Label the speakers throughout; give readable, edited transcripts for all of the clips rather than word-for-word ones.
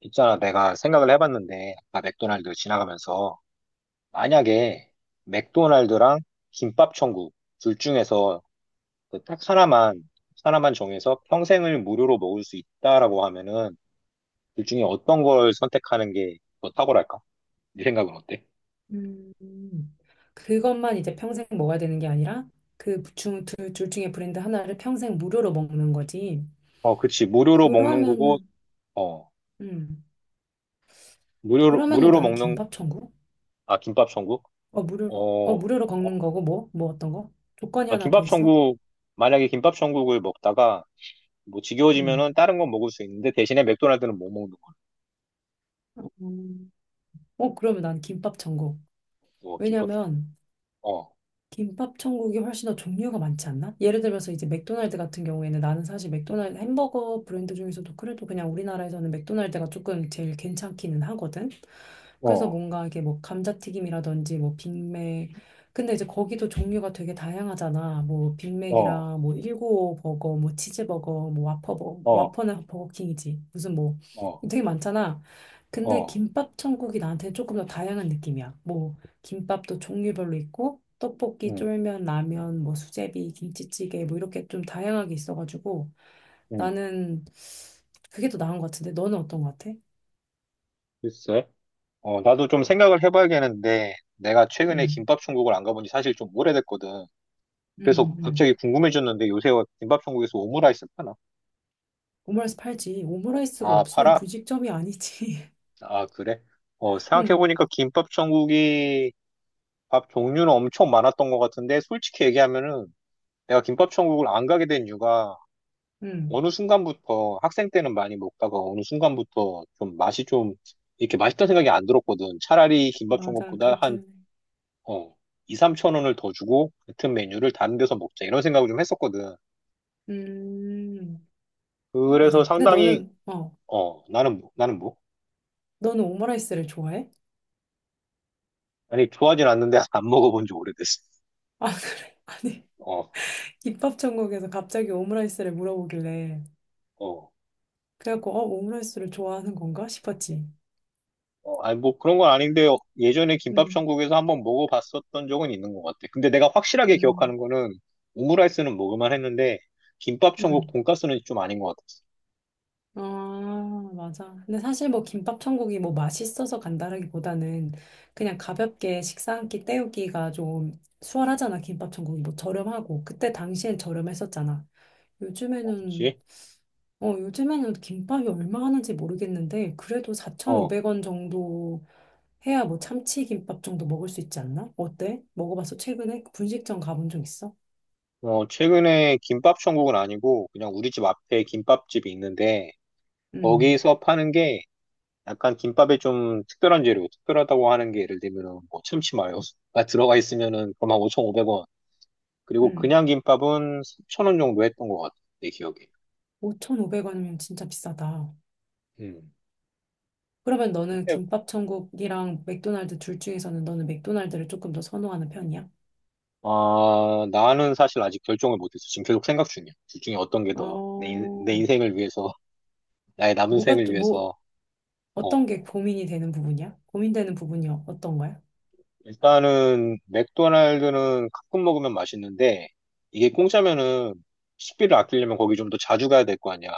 Speaker 1: 있잖아, 내가 생각을 해봤는데, 아까 맥도날드 지나가면서, 만약에 맥도날드랑 김밥천국 둘 중에서 그딱 하나만, 하나만 정해서 평생을 무료로 먹을 수 있다라고 하면은, 둘 중에 어떤 걸 선택하는 게 더 탁월할까? 네 생각은 어때?
Speaker 2: 음, 그것만 이제 평생 먹어야 되는 게 아니라 둘 중에 브랜드 하나를 평생 무료로 먹는 거지.
Speaker 1: 어, 그치. 무료로 먹는 거고,
Speaker 2: 그러면은,
Speaker 1: 어,
Speaker 2: 음,
Speaker 1: 무료로,
Speaker 2: 그러면은
Speaker 1: 무료로
Speaker 2: 나는
Speaker 1: 먹는,
Speaker 2: 김밥 천국?
Speaker 1: 아, 김밥천국?
Speaker 2: 어,
Speaker 1: 어,
Speaker 2: 무료로, 어,
Speaker 1: 어,
Speaker 2: 무료로 걷는 거고, 뭐? 뭐 어떤 거? 조건이
Speaker 1: 아,
Speaker 2: 하나 더 있어?
Speaker 1: 김밥천국, 만약에 김밥천국을 먹다가, 뭐
Speaker 2: 음.
Speaker 1: 지겨워지면은 다른 건 먹을 수 있는데 대신에 맥도날드는 못 먹는
Speaker 2: 음. 그러면 난 김밥 천국.
Speaker 1: 어, 김밥.
Speaker 2: 왜냐면
Speaker 1: 어,
Speaker 2: 김밥 천국이 훨씬 더 종류가 많지 않나? 예를 들어서 이제 맥도날드 같은 경우에는 나는 사실 맥도날드 햄버거 브랜드 중에서도 그래도 그냥 우리나라에서는 맥도날드가 조금 제일 괜찮기는 하거든. 그래서
Speaker 1: 어,
Speaker 2: 뭔가 이게 뭐 감자튀김이라든지 뭐 빅맥. 근데 이제 거기도 종류가 되게 다양하잖아. 뭐
Speaker 1: 어,
Speaker 2: 빅맥이랑 뭐 195 버거, 뭐 치즈버거, 뭐
Speaker 1: 어,
Speaker 2: 와퍼는 버거킹이지. 무슨 뭐
Speaker 1: 어,
Speaker 2: 되게 많잖아. 근데
Speaker 1: 어,
Speaker 2: 김밥 천국이 나한테 조금 더 다양한 느낌이야. 뭐 김밥도 종류별로 있고 떡볶이,
Speaker 1: 음,
Speaker 2: 쫄면, 라면, 뭐 수제비, 김치찌개 뭐 이렇게 좀 다양하게 있어가지고
Speaker 1: 음.
Speaker 2: 나는 그게 더 나은 것 같은데 너는 어떤 것 같아?
Speaker 1: 글쎄. 어, 나도 좀 생각을 해봐야겠는데, 내가 최근에
Speaker 2: 응,
Speaker 1: 김밥 천국을 안 가본 지 사실 좀 오래됐거든.
Speaker 2: 응,
Speaker 1: 그래서
Speaker 2: 응, 응.
Speaker 1: 갑자기 궁금해졌는데, 요새 김밥 천국에서 오므라이스 파나?
Speaker 2: 오므라이스 팔지. 오므라이스가
Speaker 1: 아,
Speaker 2: 없으면
Speaker 1: 팔아?
Speaker 2: 분식점이 아니지.
Speaker 1: 아, 그래? 어,
Speaker 2: 응,
Speaker 1: 생각해보니까 김밥 천국이 밥 종류는 엄청 많았던 것 같은데, 솔직히 얘기하면은, 내가 김밥 천국을 안 가게 된 이유가,
Speaker 2: 응,
Speaker 1: 어느 순간부터 학생 때는 많이 먹다가 어느 순간부터 좀 맛이 좀 이렇게 맛있다는 생각이 안 들었거든. 차라리 김밥
Speaker 2: 맞아.
Speaker 1: 천국보다
Speaker 2: 그렇긴
Speaker 1: 한
Speaker 2: 해.
Speaker 1: 어, 2, 3천 원을 더 주고 같은 메뉴를 다른 데서 먹자 이런 생각을 좀 했었거든.
Speaker 2: 음,
Speaker 1: 그래서
Speaker 2: 맞아. 근데
Speaker 1: 상당히
Speaker 2: 너는 어,
Speaker 1: 어 나는 뭐
Speaker 2: 너는 오므라이스를 좋아해?
Speaker 1: 아니 좋아하진 않는데 안 먹어본 지 오래됐어.
Speaker 2: 아, 그래? 아니.
Speaker 1: 어,
Speaker 2: 김밥 천국에서 갑자기 오므라이스를 물어보길래
Speaker 1: 어,
Speaker 2: 그래갖고 오므라이스를 좋아하는 건가 싶었지.
Speaker 1: 어, 아니 뭐 그런 건 아닌데 예전에 김밥
Speaker 2: 음,
Speaker 1: 천국에서 한번 먹어봤었던 적은 있는 것 같아. 근데 내가 확실하게 기억하는
Speaker 2: 음,
Speaker 1: 거는 오므라이스는 먹을만 했는데 김밥 천국
Speaker 2: 음.
Speaker 1: 돈가스는 좀 아닌 것 같아.
Speaker 2: 아, 맞아. 근데 사실 뭐 김밥 천국이 뭐 맛있어서 간다라기보다는 그냥 가볍게 식사 한 끼 때우기가 좀 수월하잖아. 김밥 천국이 뭐 저렴하고. 그때 당시엔 저렴했었잖아. 요즘에는,
Speaker 1: 그치?
Speaker 2: 요즘에는 김밥이 얼마 하는지 모르겠는데 그래도
Speaker 1: 어,
Speaker 2: 4,500원 정도 해야 뭐 참치 김밥 정도 먹을 수 있지 않나? 어때? 먹어봤어? 최근에 분식점 가본 적 있어?
Speaker 1: 어, 최근에 김밥 천국은 아니고 그냥 우리 집 앞에 김밥집이 있는데
Speaker 2: 응,
Speaker 1: 거기서 파는 게 약간 김밥에 좀 특별한 재료, 특별하다고 하는 게 예를 들면은 뭐 참치마요가 들어가 있으면은 그만 5,500원. 그리고
Speaker 2: 응.
Speaker 1: 그냥 김밥은 3,000원 정도 했던 것 같아, 내 기억에.
Speaker 2: 5,500원이면 진짜 비싸다.
Speaker 1: 음.
Speaker 2: 그러면 너는
Speaker 1: 근데
Speaker 2: 김밥 천국이랑 맥도날드 둘 중에서는 너는 맥도날드를 조금 더 선호하는 편이야?
Speaker 1: 아, 나는 사실 아직 결정을 못했어. 지금 계속 생각 중이야. 둘 중에 어떤 게 더 내
Speaker 2: 어,
Speaker 1: 인생을 위해서, 나의 남은
Speaker 2: 뭐가
Speaker 1: 생을
Speaker 2: 또, 뭐,
Speaker 1: 위해서
Speaker 2: 어떤
Speaker 1: 어.
Speaker 2: 게 고민이 되는 부분이야? 고민되는 부분이 어떤 거야?
Speaker 1: 일단은 맥도날드는 가끔 먹으면 맛있는데 이게 공짜면은 식비를 아끼려면 거기 좀 더 자주 가야 될 거 아니야.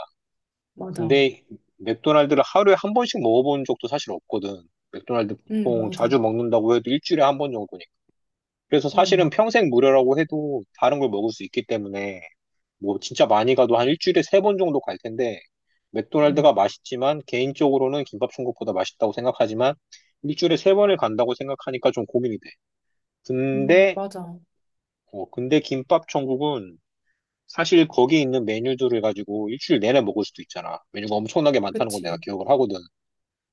Speaker 2: 맞아.
Speaker 1: 근데 맥도날드를 하루에 한 번씩 먹어본 적도 사실 없거든. 맥도날드
Speaker 2: 응,
Speaker 1: 보통
Speaker 2: 맞아.
Speaker 1: 자주 먹는다고 해도 일주일에 한 번 정도니까. 그래서 사실은
Speaker 2: 응,
Speaker 1: 평생 무료라고 해도 다른 걸 먹을 수 있기 때문에 뭐 진짜 많이 가도 한 일주일에 세 번 정도 갈 텐데
Speaker 2: 응,
Speaker 1: 맥도날드가 맛있지만 개인적으로는 김밥 천국보다 맛있다고 생각하지만 일주일에 세 번을 간다고 생각하니까 좀 고민이 돼. 근데
Speaker 2: 맞아.
Speaker 1: 어, 근데 김밥 천국은 사실 거기 있는 메뉴들을 가지고 일주일 내내 먹을 수도 있잖아. 메뉴가 엄청나게 많다는 건 내가
Speaker 2: 그치.
Speaker 1: 기억을 하거든.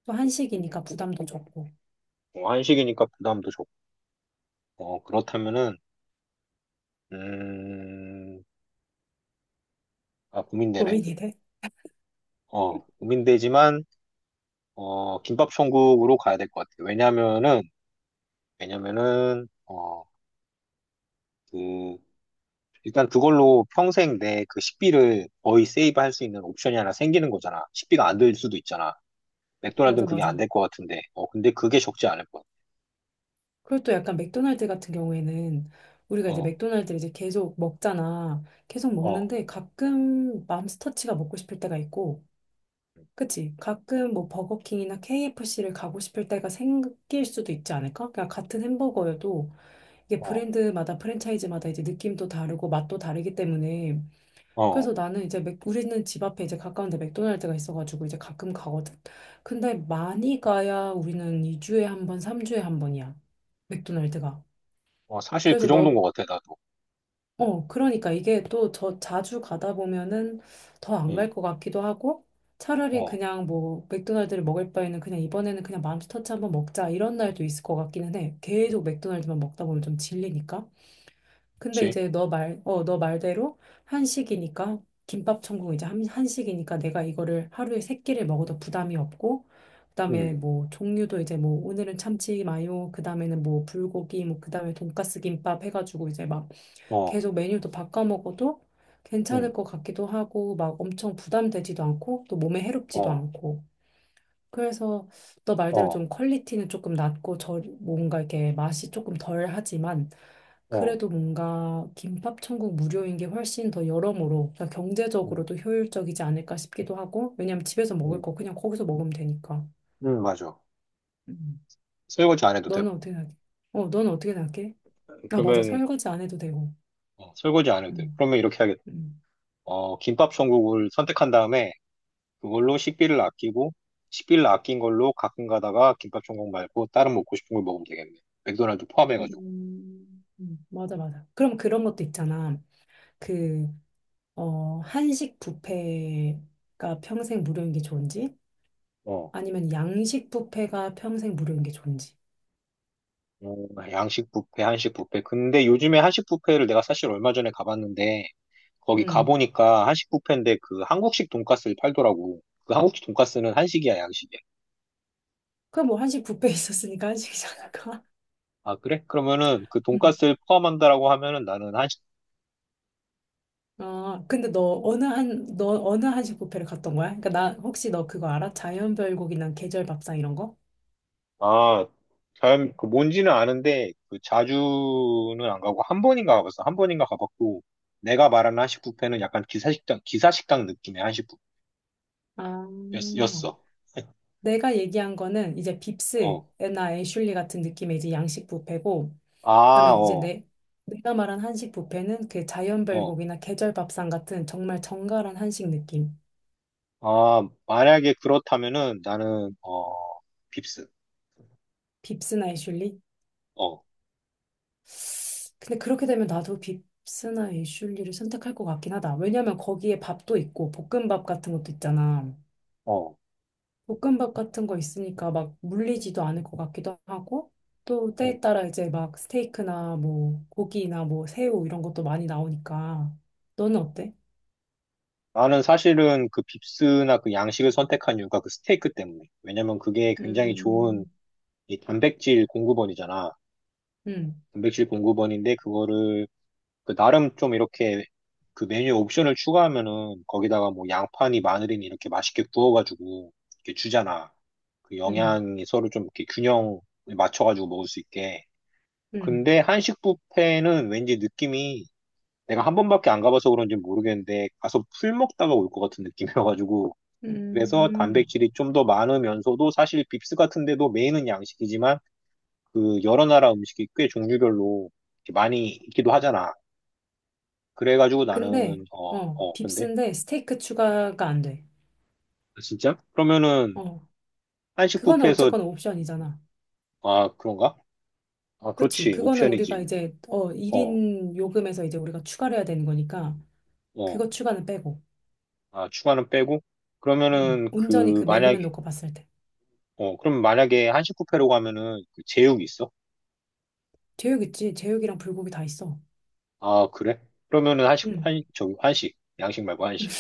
Speaker 2: 또 한식이니까 부담도 적고.
Speaker 1: 어, 한식이니까 부담도 적고. 어, 그렇다면은, 음, 아, 고민되네.
Speaker 2: 고민이 돼?
Speaker 1: 어, 고민되지만, 어, 김밥 천국으로 가야 될 것 같아. 왜냐면은, 왜냐면은, 어, 그, 일단 그걸로 평생 내 그 식비를 거의 세이브할 수 있는 옵션이 하나 생기는 거잖아. 식비가 안 들 수도 있잖아.
Speaker 2: 맞아,
Speaker 1: 맥도날드는 그게 안
Speaker 2: 맞아.
Speaker 1: 될 것 같은데. 어, 근데 그게 적지 않을 거야.
Speaker 2: 그리고 또 약간 맥도날드 같은 경우에는 우리가 이제
Speaker 1: 어.
Speaker 2: 맥도날드를 이제 계속 먹잖아. 계속
Speaker 1: 어,
Speaker 2: 먹는데 가끔 맘스터치가 먹고 싶을 때가 있고, 그치? 가끔 뭐 버거킹이나 KFC를 가고 싶을 때가 생길 수도 있지 않을까? 그냥 같은 햄버거여도 이게
Speaker 1: 어,
Speaker 2: 브랜드마다 프랜차이즈마다 이제 느낌도 다르고 맛도 다르기 때문에 그래서
Speaker 1: 어,
Speaker 2: 나는 이제 우리는 집 앞에 이제 가까운데 맥도날드가 있어가지고 이제 가끔 가거든. 근데 많이 가야 우리는 2주에 한 번, 3주에 한 번이야. 맥도날드가.
Speaker 1: 어, 사실 그
Speaker 2: 그래서
Speaker 1: 정도인 것 같아, 나도.
Speaker 2: 그러니까 이게 또 저 자주 가다 보면은 더 안 갈
Speaker 1: 응,
Speaker 2: 것 같기도 하고 차라리
Speaker 1: 어,
Speaker 2: 그냥 뭐 맥도날드를 먹을 바에는 그냥 이번에는 그냥 맘스터치 한번 먹자 이런 날도 있을 것 같기는 해. 계속 맥도날드만 먹다 보면 좀 질리니까. 근데
Speaker 1: 그치?
Speaker 2: 이제 너 말대로 한식이니까 김밥 천국 이제 한식이니까 내가 이거를 하루에 세 끼를 먹어도 부담이 없고 그다음에
Speaker 1: 응,
Speaker 2: 뭐 종류도 이제 뭐 오늘은 참치 마요 그다음에는 뭐 불고기 뭐 그다음에 돈까스 김밥 해가지고 이제 막
Speaker 1: 어,
Speaker 2: 계속 메뉴도 바꿔 먹어도 괜찮을
Speaker 1: 응,
Speaker 2: 것 같기도 하고, 막 엄청 부담되지도 않고, 또 몸에 해롭지도
Speaker 1: 어,
Speaker 2: 않고. 그래서 너 말대로
Speaker 1: 어,
Speaker 2: 좀 퀄리티는 조금 낮고, 저, 뭔가 이렇게 맛이 조금 덜 하지만,
Speaker 1: 어,
Speaker 2: 그래도 뭔가 김밥 천국 무료인 게 훨씬 더 여러모로, 그러니까
Speaker 1: 응,
Speaker 2: 경제적으로도 효율적이지 않을까 싶기도 하고, 왜냐면 집에서
Speaker 1: 응,
Speaker 2: 먹을
Speaker 1: 응,
Speaker 2: 거 그냥 거기서 먹으면 되니까.
Speaker 1: 응, 맞아.
Speaker 2: 음.
Speaker 1: 설거지 안 해도 되고.
Speaker 2: 너는 어떻게 생각해? 너는 어떻게 생각해? 아, 맞아.
Speaker 1: 그러면,
Speaker 2: 설거지 안 해도 되고.
Speaker 1: 어, 설거지 안 해도 되고.
Speaker 2: 음,
Speaker 1: 그러면 이렇게 하겠다.
Speaker 2: 음.
Speaker 1: 어, 김밥 천국을 선택한 다음에 그걸로 식비를 아끼고, 식비를 아낀 걸로 가끔 가다가 김밥 천국 말고 다른 먹고 싶은 걸 먹으면 되겠네. 맥도날드 포함해가지고.
Speaker 2: 맞아, 맞아. 그럼 그런 것도 있잖아. 그, 한식 뷔페가 평생 무료인 게 좋은지,
Speaker 1: 어.
Speaker 2: 아니면 양식 뷔페가 평생 무료인 게 좋은지.
Speaker 1: 어, 양식 뷔페, 한식 뷔페. 근데 요즘에 한식 뷔페를 내가 사실 얼마 전에 가봤는데, 거기
Speaker 2: 음.
Speaker 1: 가보니까 한식 뷔페인데 그 한국식 돈가스를 팔더라고. 그 한국식 돈가스는 한식이야, 양식이야?
Speaker 2: 그럼 뭐 한식 뷔페 있었으니까 한식이지 않을까?
Speaker 1: 아, 그래? 그러면은 그
Speaker 2: 음.
Speaker 1: 돈가스를 포함한다라고 하면은 나는 한식,
Speaker 2: 아, 근데 너 어느 한식 뷔페를 갔던 거야? 그러니까 나 혹시 너 그거 알아? 자연별곡이나 계절밥상 이런 거?
Speaker 1: 아, 잘, 그 뭔지는 아는데 그 자주는 안 가고 한 번인가 가봤어. 한 번인가 가봤고 내가 말하는 한식 뷔페는 약간 기사식당, 기사식당 느낌의 한식
Speaker 2: 아,
Speaker 1: 뷔페였어.
Speaker 2: 내가 얘기한 거는 이제
Speaker 1: 어.
Speaker 2: 빕스나 애슐리 같은 느낌의 이제 양식 뷔페고, 그다음에
Speaker 1: 아,
Speaker 2: 이제
Speaker 1: 어,
Speaker 2: 내 내가 말한 한식 뷔페는 그
Speaker 1: 어.
Speaker 2: 자연별곡이나 계절 밥상 같은 정말 정갈한 한식 느낌.
Speaker 1: 아, 만약에 그렇다면은 나는, 어, 빕스.
Speaker 2: 빕스나 애슐리?
Speaker 1: 어,
Speaker 2: 근데 그렇게 되면 나도 빕스나 애슐리를 선택할 것 같긴 하다. 왜냐면 거기에 밥도 있고 볶음밥 같은 것도 있잖아.
Speaker 1: 어.
Speaker 2: 볶음밥 같은 거 있으니까 막 물리지도 않을 것 같기도 하고 또
Speaker 1: 어.
Speaker 2: 때에 따라 이제 막 스테이크나 뭐 고기나 뭐 새우 이런 것도 많이 나오니까 너는 어때?
Speaker 1: 나는 사실은 그 빕스나 그 양식을 선택한 이유가 그 스테이크 때문에. 왜냐면 그게 굉장히 좋은
Speaker 2: 음,
Speaker 1: 이 단백질 공급원이잖아.
Speaker 2: 음,
Speaker 1: 단백질 공급원인데 그거를 그 나름 좀 이렇게 그 메뉴 옵션을 추가하면은 거기다가 뭐 양파니 마늘이니 이렇게 맛있게 구워가지고 이렇게 주잖아. 그
Speaker 2: 음,
Speaker 1: 영양이 서로 좀 이렇게 균형을 맞춰가지고 먹을 수 있게.
Speaker 2: 음.
Speaker 1: 근데 한식 뷔페는 왠지 느낌이 내가 한 번밖에 안 가봐서 그런지 모르겠는데 가서 풀 먹다가 올 것 같은 느낌이어가지고 그래서
Speaker 2: 음,
Speaker 1: 단백질이 좀 더 많으면서도 사실 빕스 같은 데도 메인은 양식이지만 그 여러 나라 음식이 꽤 종류별로 이렇게 많이 있기도 하잖아. 그래가지고
Speaker 2: 근데,
Speaker 1: 나는 어, 어, 근데
Speaker 2: 빕스인데 스테이크 추가가 안 돼.
Speaker 1: 아, 진짜? 그러면은
Speaker 2: 어,
Speaker 1: 한식
Speaker 2: 그거는
Speaker 1: 뷔페에서
Speaker 2: 어쨌거나 옵션이잖아.
Speaker 1: 아, 그런가? 아,
Speaker 2: 그치?
Speaker 1: 그렇지.
Speaker 2: 그거는 우리가
Speaker 1: 옵션이지.
Speaker 2: 이제,
Speaker 1: 어,
Speaker 2: 1인 요금에서 이제 우리가 추가를 해야 되는 거니까,
Speaker 1: 어.
Speaker 2: 그거 추가는 빼고.
Speaker 1: 아, 추가는 빼고 그러면은
Speaker 2: 온전히
Speaker 1: 그
Speaker 2: 그
Speaker 1: 만약에
Speaker 2: 메뉴만 놓고 봤을 때.
Speaker 1: 어, 그럼 만약에 한식 뷔페로 가면은 그 제육이 있어?
Speaker 2: 제육 있지? 제육이랑 불고기 다 있어.
Speaker 1: 아, 그래? 그러면은 한식
Speaker 2: 음,
Speaker 1: 한 저기 한식 양식 말고 한식.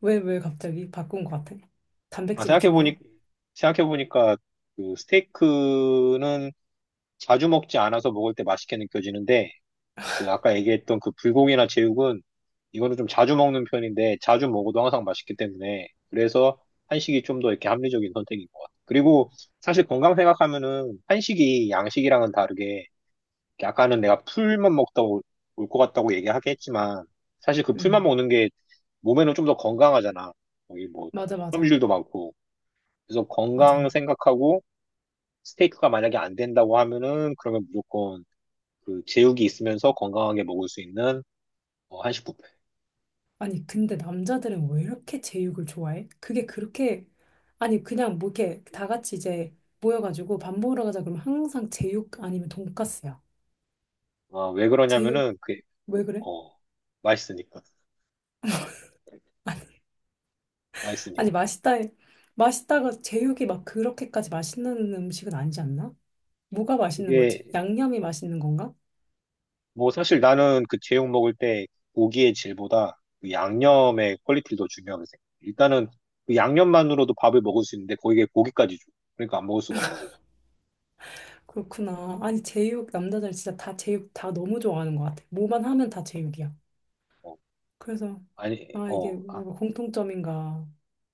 Speaker 2: 왜 갑자기 바꾼 것 같아?
Speaker 1: 아,
Speaker 2: 단백질이 중요해?
Speaker 1: 생각해보니까, 그, 스테이크는 자주 먹지 않아서 먹을 때 맛있게 느껴지는데, 그 아까 얘기했던 그 불고기나 제육은, 이거는 좀 자주 먹는 편인데, 자주 먹어도 항상 맛있기 때문에, 그래서 한식이 좀 더 이렇게 합리적인 선택인 것 같아. 그리고, 사실 건강 생각하면은, 한식이 양식이랑은 다르게, 아까는 내가 풀만 먹다 올 것 같다고 얘기하긴 했지만, 사실 그 풀만
Speaker 2: 음,
Speaker 1: 먹는 게 몸에는 좀 더 건강하잖아. 거기 뭐, 그
Speaker 2: 맞아, 맞아,
Speaker 1: 섬유질도 많고, 그래서 건강
Speaker 2: 맞아.
Speaker 1: 생각하고 스테이크가 만약에 안 된다고 하면은 그러면 무조건 그 제육이 있으면서 건강하게 먹을 수 있는 어, 한식 뷔페.
Speaker 2: 아니, 근데 남자들은 왜 이렇게 제육을 좋아해? 그게 그렇게, 아니, 그냥 뭐 이렇게 다 같이 이제 모여가지고 밥 먹으러 가자 그러면 항상 제육 아니면 돈까스야.
Speaker 1: 아, 왜
Speaker 2: 제육,
Speaker 1: 그러냐면은 그게
Speaker 2: 왜 그래?
Speaker 1: 어 맛있으니까 맛있으니까.
Speaker 2: 아니, 맛있다가 제육이 막 그렇게까지 맛있는 음식은 아니지 않나? 뭐가 맛있는 거지?
Speaker 1: 그게
Speaker 2: 양념이 맛있는 건가?
Speaker 1: 뭐 사실 나는 그 제육 먹을 때 고기의 질보다 그 양념의 퀄리티를 더 중요하게 생각해. 일단은 그 양념만으로도 밥을 먹을 수 있는데 거기에 고기까지 줘. 그러니까 안 먹을 수가 없는 거지.
Speaker 2: 그렇구나. 아니, 제육,
Speaker 1: 어,
Speaker 2: 남자들 진짜 다 제육 다 너무 좋아하는 것 같아. 뭐만 하면 다 제육이야.
Speaker 1: 어,
Speaker 2: 그래서,
Speaker 1: 아니,
Speaker 2: 아, 이게
Speaker 1: 어, 아,
Speaker 2: 뭔가 공통점인가?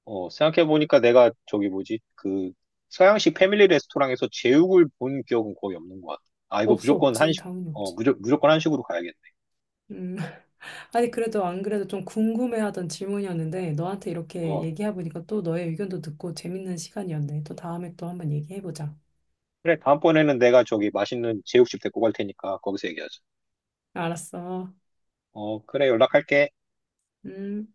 Speaker 1: 어, 생각해보니까 내가 저기 뭐지? 그 서양식 패밀리 레스토랑에서 제육을 본 기억은 거의 없는 것 같아. 아, 이거
Speaker 2: 없어,
Speaker 1: 무조건
Speaker 2: 없지.
Speaker 1: 한식,
Speaker 2: 당연히
Speaker 1: 어,
Speaker 2: 없지.
Speaker 1: 무조건 한식으로 가야겠네.
Speaker 2: 음. 아니, 그래도 안 그래도 좀 궁금해하던 질문이었는데, 너한테 이렇게
Speaker 1: 어,
Speaker 2: 얘기해보니까 또 너의 의견도 듣고 재밌는 시간이었네. 또 다음에 또 한번 얘기해보자.
Speaker 1: 그래. 다음번에는 내가 저기 맛있는 제육집 데리고 갈 테니까 거기서 얘기하자.
Speaker 2: 알았어.
Speaker 1: 어, 그래. 연락할게.
Speaker 2: 음.